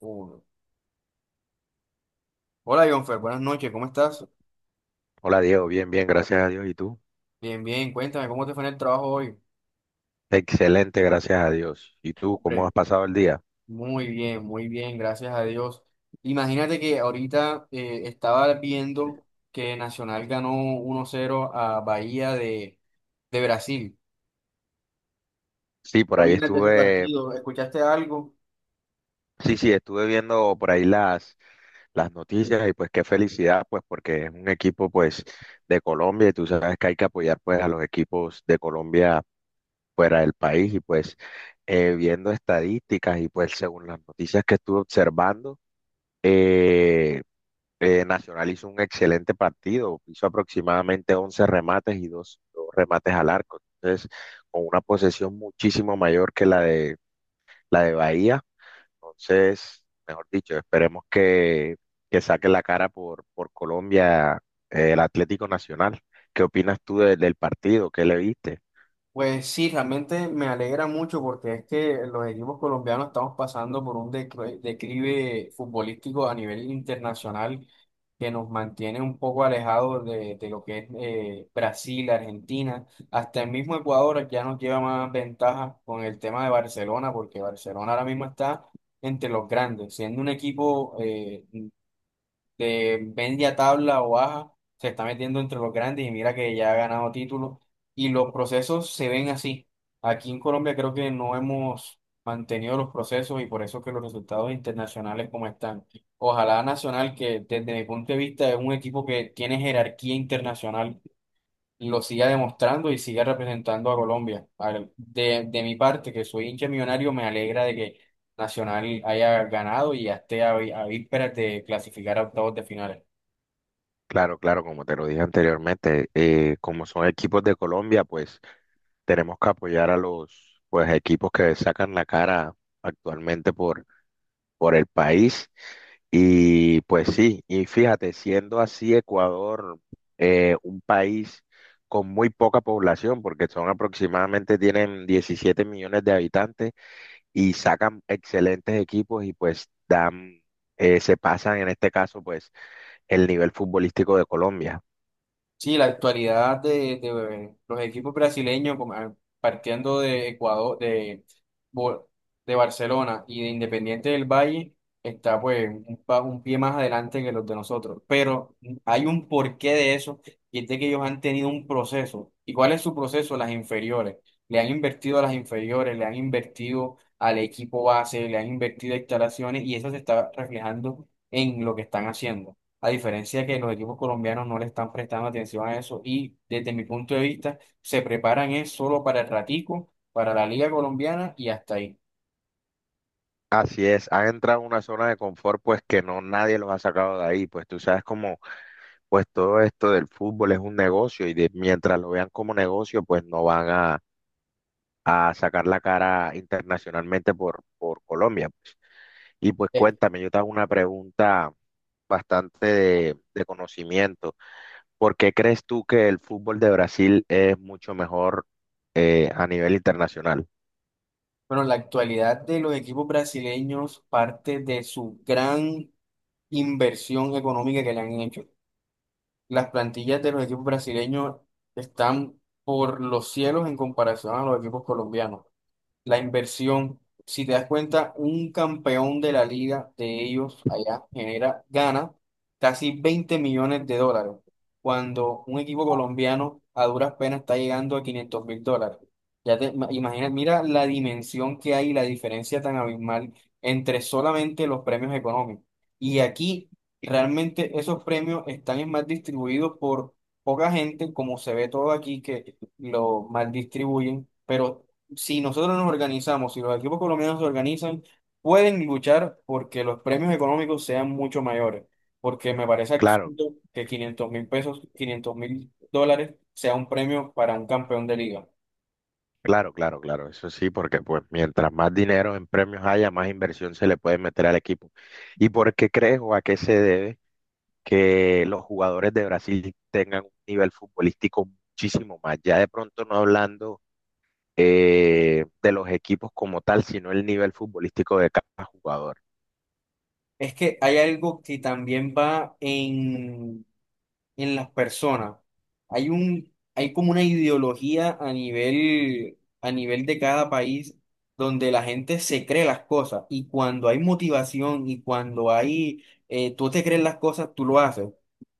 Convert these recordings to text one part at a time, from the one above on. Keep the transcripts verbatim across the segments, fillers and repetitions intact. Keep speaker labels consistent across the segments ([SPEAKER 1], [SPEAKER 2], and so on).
[SPEAKER 1] Uno. Hola, Jonfer, buenas noches, ¿cómo estás?
[SPEAKER 2] Hola Diego, bien, bien, gracias a Dios. ¿Y tú?
[SPEAKER 1] Bien, bien, cuéntame, ¿cómo te fue en el trabajo hoy?
[SPEAKER 2] Excelente, gracias a Dios. ¿Y tú cómo
[SPEAKER 1] Hombre,
[SPEAKER 2] has pasado el día?
[SPEAKER 1] muy bien, muy bien, gracias a Dios. Imagínate que ahorita eh, estaba viendo que Nacional ganó uno cero a Bahía de, de Brasil.
[SPEAKER 2] Sí,
[SPEAKER 1] ¿Qué
[SPEAKER 2] por ahí
[SPEAKER 1] opinas de ese
[SPEAKER 2] estuve,
[SPEAKER 1] partido? ¿Escuchaste algo?
[SPEAKER 2] sí, sí, estuve viendo por ahí las, las noticias y pues qué felicidad, pues porque es un equipo pues de Colombia y tú sabes que hay que apoyar pues a los equipos de Colombia fuera del país y pues eh, viendo estadísticas y pues según las noticias que estuve observando, eh, Eh, Nacional hizo un excelente partido, hizo aproximadamente once remates y dos, dos remates al arco. Entonces, con una posesión muchísimo mayor que la de, la de Bahía. Entonces, mejor dicho, esperemos que, que saque la cara por, por Colombia, eh, el Atlético Nacional. ¿Qué opinas tú de- del partido? ¿Qué le viste?
[SPEAKER 1] Pues sí, realmente me alegra mucho porque es que los equipos colombianos estamos pasando por un decre- declive futbolístico a nivel internacional que nos mantiene un poco alejados de, de lo que es eh, Brasil, Argentina, hasta el mismo Ecuador ya nos lleva más ventaja con el tema de Barcelona, porque Barcelona ahora mismo está entre los grandes, siendo un equipo eh, de media tabla o baja, se está metiendo entre los grandes y mira que ya ha ganado títulos y los procesos se ven así. Aquí en Colombia creo que no hemos mantenido los procesos y por eso que los resultados internacionales como están. Ojalá Nacional, que desde mi punto de vista es un equipo que tiene jerarquía internacional, lo siga demostrando y siga representando a Colombia. Al- De, de mi parte, que soy hincha millonario, me alegra de que Nacional haya ganado y ya esté a, vi- a vísperas de clasificar a octavos de finales.
[SPEAKER 2] Claro, claro, como te lo dije anteriormente, eh, como son equipos de Colombia, pues tenemos que apoyar a los pues, equipos que sacan la cara actualmente por por el país. Y pues sí, y fíjate, siendo así Ecuador, eh, un país con muy poca población, porque son aproximadamente, tienen diecisiete millones de habitantes y sacan excelentes equipos y pues dan, eh, se pasan en este caso pues el nivel futbolístico de Colombia.
[SPEAKER 1] Sí, la actualidad de, de los equipos brasileños, como, ah, partiendo de Ecuador, de, Bo- de Barcelona y de Independiente del Valle, está pues un, pa- un pie más adelante que los de nosotros. Pero mm, hay un porqué de eso, y es de que ellos han tenido un proceso. ¿Y cuál es su proceso? Las inferiores. Le han invertido a las inferiores, le han invertido al equipo base, le han invertido a instalaciones, y eso se está reflejando en lo que están haciendo. A diferencia que los equipos colombianos no le están prestando atención a eso y desde mi punto de vista se preparan es solo para el ratico, para la liga colombiana y hasta ahí.
[SPEAKER 2] Así es, han entrado en una zona de confort pues que no nadie los ha sacado de ahí, pues tú sabes cómo pues todo esto del fútbol es un negocio y de- mientras lo vean como negocio pues no van a a sacar la cara internacionalmente por, por Colombia, pues. Y pues
[SPEAKER 1] Eh,
[SPEAKER 2] cuéntame, yo te hago una pregunta bastante de, de conocimiento. ¿Por qué crees tú que el fútbol de Brasil es mucho mejor, eh, a nivel internacional?
[SPEAKER 1] Pero en la actualidad de los equipos brasileños parte de su gran inversión económica que le han hecho. Las plantillas de los equipos brasileños están por los cielos en comparación a los equipos colombianos. La inversión. Si te das cuenta, un campeón de la liga de ellos allá genera, gana casi veinte millones de dólares, cuando un equipo colombiano a duras penas está llegando a quinientos mil dólares. Ya te ma- imaginas, mira la dimensión que hay, la diferencia tan abismal entre solamente los premios económicos. Y aquí realmente esos premios están es más distribuidos por poca gente, como se ve todo aquí que lo mal distribuyen, pero si nosotros nos organizamos, si los equipos colombianos se organizan, pueden luchar porque los premios económicos sean mucho mayores. Porque me parece
[SPEAKER 2] Claro,
[SPEAKER 1] absurdo que quinientos mil pesos, quinientos mil dólares sea un premio para un campeón de liga.
[SPEAKER 2] claro, claro, claro, eso sí, porque pues mientras más dinero en premios haya, más inversión se le puede meter al equipo. ¿Y por qué crees o a qué se debe que los jugadores de Brasil tengan un nivel futbolístico muchísimo más? Ya de pronto no hablando, eh, de los equipos como tal, sino el nivel futbolístico de cada jugador.
[SPEAKER 1] Es que hay algo que también va en en las personas. Hay un, hay como una ideología a nivel, a nivel de cada país donde la gente se cree las cosas y cuando hay motivación y cuando hay, eh, tú te crees las cosas, tú lo haces.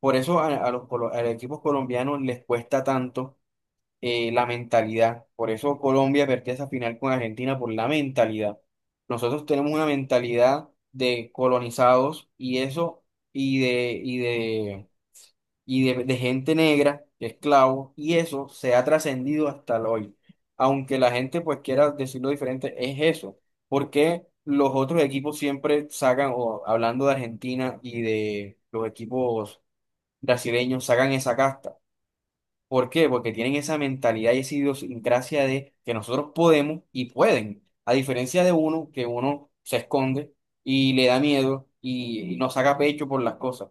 [SPEAKER 1] Por eso a, a los, colo- a los equipos colombianos les cuesta tanto eh, la mentalidad. Por eso Colombia perdió esa final con Argentina por la mentalidad. Nosotros tenemos una mentalidad de colonizados y eso y de, y de, de gente negra, esclavos, y eso se ha trascendido hasta el hoy. Aunque la gente pues quiera decirlo diferente, es eso. Porque los otros equipos siempre sacan, o hablando de Argentina y de los equipos brasileños, sacan esa casta. ¿Por qué? Porque tienen esa mentalidad y esa idiosincrasia de que nosotros podemos y pueden. A diferencia de uno, que uno se esconde y le da miedo y, y no saca pecho por las cosas.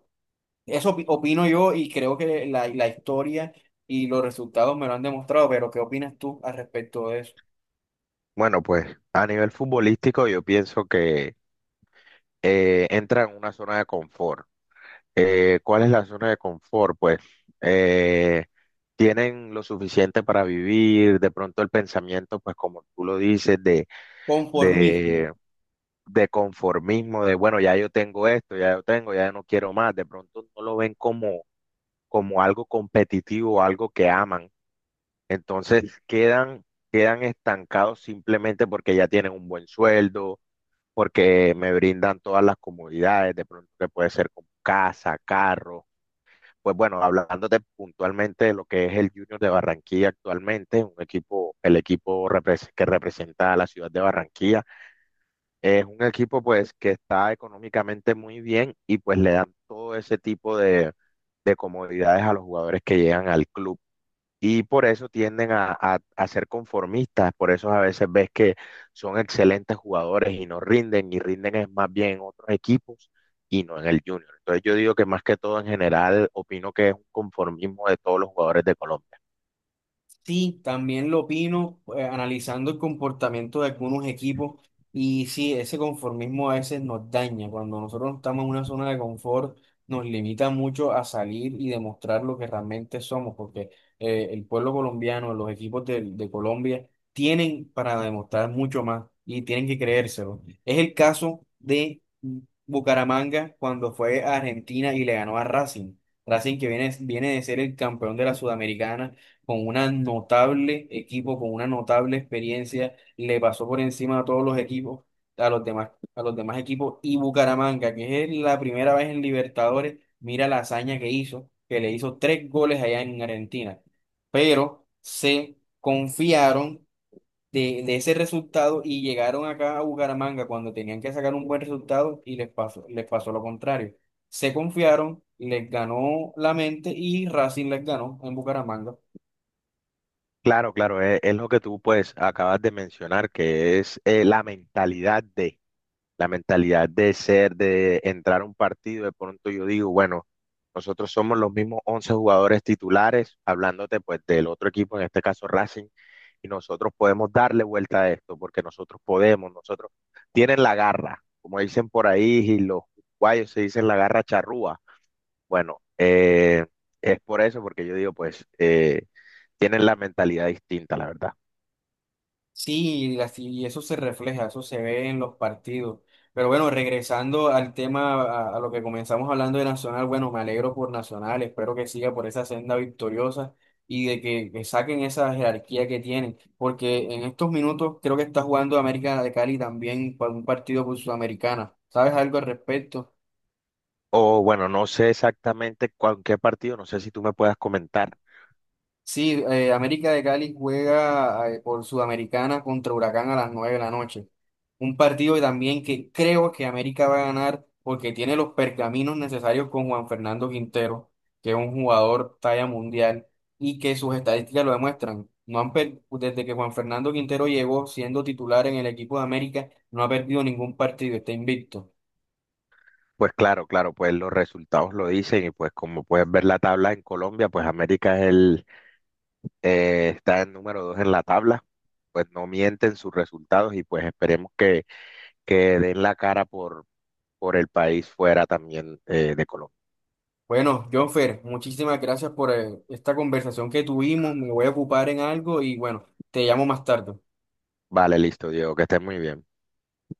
[SPEAKER 1] Eso opi- opino yo y creo que la, la historia y los resultados me lo han demostrado, pero ¿qué opinas tú al respecto de eso?
[SPEAKER 2] Bueno, pues a nivel futbolístico yo pienso que, eh, entra en una zona de confort. Eh, ¿cuál es la zona de confort? Pues eh, tienen lo suficiente para vivir, de pronto el pensamiento, pues como tú lo dices, de,
[SPEAKER 1] Conformismo.
[SPEAKER 2] de, de conformismo, de bueno, ya yo tengo esto, ya yo tengo, ya no quiero más, de pronto no lo ven como, como algo competitivo, algo que aman. Entonces quedan, quedan estancados simplemente porque ya tienen un buen sueldo, porque me brindan todas las comodidades, de pronto que puede ser con casa, carro. Pues bueno, hablándote puntualmente de lo que es el Junior de Barranquilla actualmente, un equipo, el equipo repres- que representa a la ciudad de Barranquilla, es un equipo pues que está económicamente muy bien y pues le dan todo ese tipo de, de comodidades a los jugadores que llegan al club, y por eso tienden a, a- a ser conformistas, por eso a veces ves que son excelentes jugadores y no rinden, y rinden es más bien en otros equipos y no en el Junior. Entonces yo digo que más que todo en general opino que es un conformismo de todos los jugadores de Colombia.
[SPEAKER 1] Sí, también lo opino, eh, analizando el comportamiento de algunos equipos y sí, ese conformismo a veces nos daña. Cuando nosotros no estamos en una zona de confort, nos limita mucho a salir y demostrar lo que realmente somos, porque eh, el pueblo colombiano, los equipos de de, Colombia tienen para demostrar mucho más y tienen que creérselo. Es el caso de Bucaramanga cuando fue a Argentina y le ganó a Racing. Racing que viene, viene de ser el campeón de la Sudamericana con una notable equipo, con una notable experiencia, le pasó por encima a todos los equipos, a los demás, a los demás equipos, y Bucaramanga, que es la primera vez en Libertadores, mira la hazaña que hizo, que le hizo tres goles allá en Argentina, pero se confiaron de, de ese resultado y llegaron acá a Bucaramanga cuando tenían que sacar un buen resultado y les pasó, les pasó lo contrario. Se confiaron, les ganó la mente y Racing les ganó en Bucaramanga.
[SPEAKER 2] Claro, claro, es, es lo que tú pues acabas de mencionar, que es, eh, la mentalidad de... la mentalidad de... ser, de entrar a un partido, de pronto yo digo, bueno, nosotros somos los mismos once jugadores titulares, hablándote pues del otro equipo, en este caso Racing, y nosotros podemos darle vuelta a esto, porque nosotros podemos, nosotros tienen la garra, como dicen por ahí, y los guayos se dicen la garra charrúa. Bueno, eh, es por eso, porque yo digo, pues, eh, tienen la mentalidad distinta, la verdad.
[SPEAKER 1] Sí, y así- y eso se refleja, eso se ve en los partidos. Pero bueno, regresando al tema, a, a lo que comenzamos hablando de Nacional, bueno, me alegro por Nacional, espero que siga por esa senda victoriosa y de que, que saquen esa jerarquía que tienen, porque en estos minutos creo que está jugando América de Cali también para un partido por Sudamericana. ¿Sabes algo al respecto?
[SPEAKER 2] O bueno, no sé exactamente cuál qué partido, no sé si tú me puedas comentar.
[SPEAKER 1] Sí, eh, América de Cali juega eh, por Sudamericana contra Huracán a las nueve de la noche. Un partido también que creo que América va a ganar porque tiene los pergaminos necesarios con Juan Fernando Quintero, que es un jugador talla mundial y que sus estadísticas lo demuestran. No han per- Desde que Juan Fernando Quintero llegó siendo titular en el equipo de América, no ha perdido ningún partido, está invicto.
[SPEAKER 2] Pues claro, claro, pues los resultados lo dicen y pues como puedes ver la tabla en Colombia, pues América es el, eh, está en número dos en la tabla, pues no mienten sus resultados y pues esperemos que, que den la cara por, por el país fuera también, eh, de Colombia.
[SPEAKER 1] Bueno, Jonfer, muchísimas gracias por eh, esta conversación que tuvimos. Me voy a ocupar en algo y bueno, te llamo más tarde.
[SPEAKER 2] Vale, listo, Diego, que estés muy bien.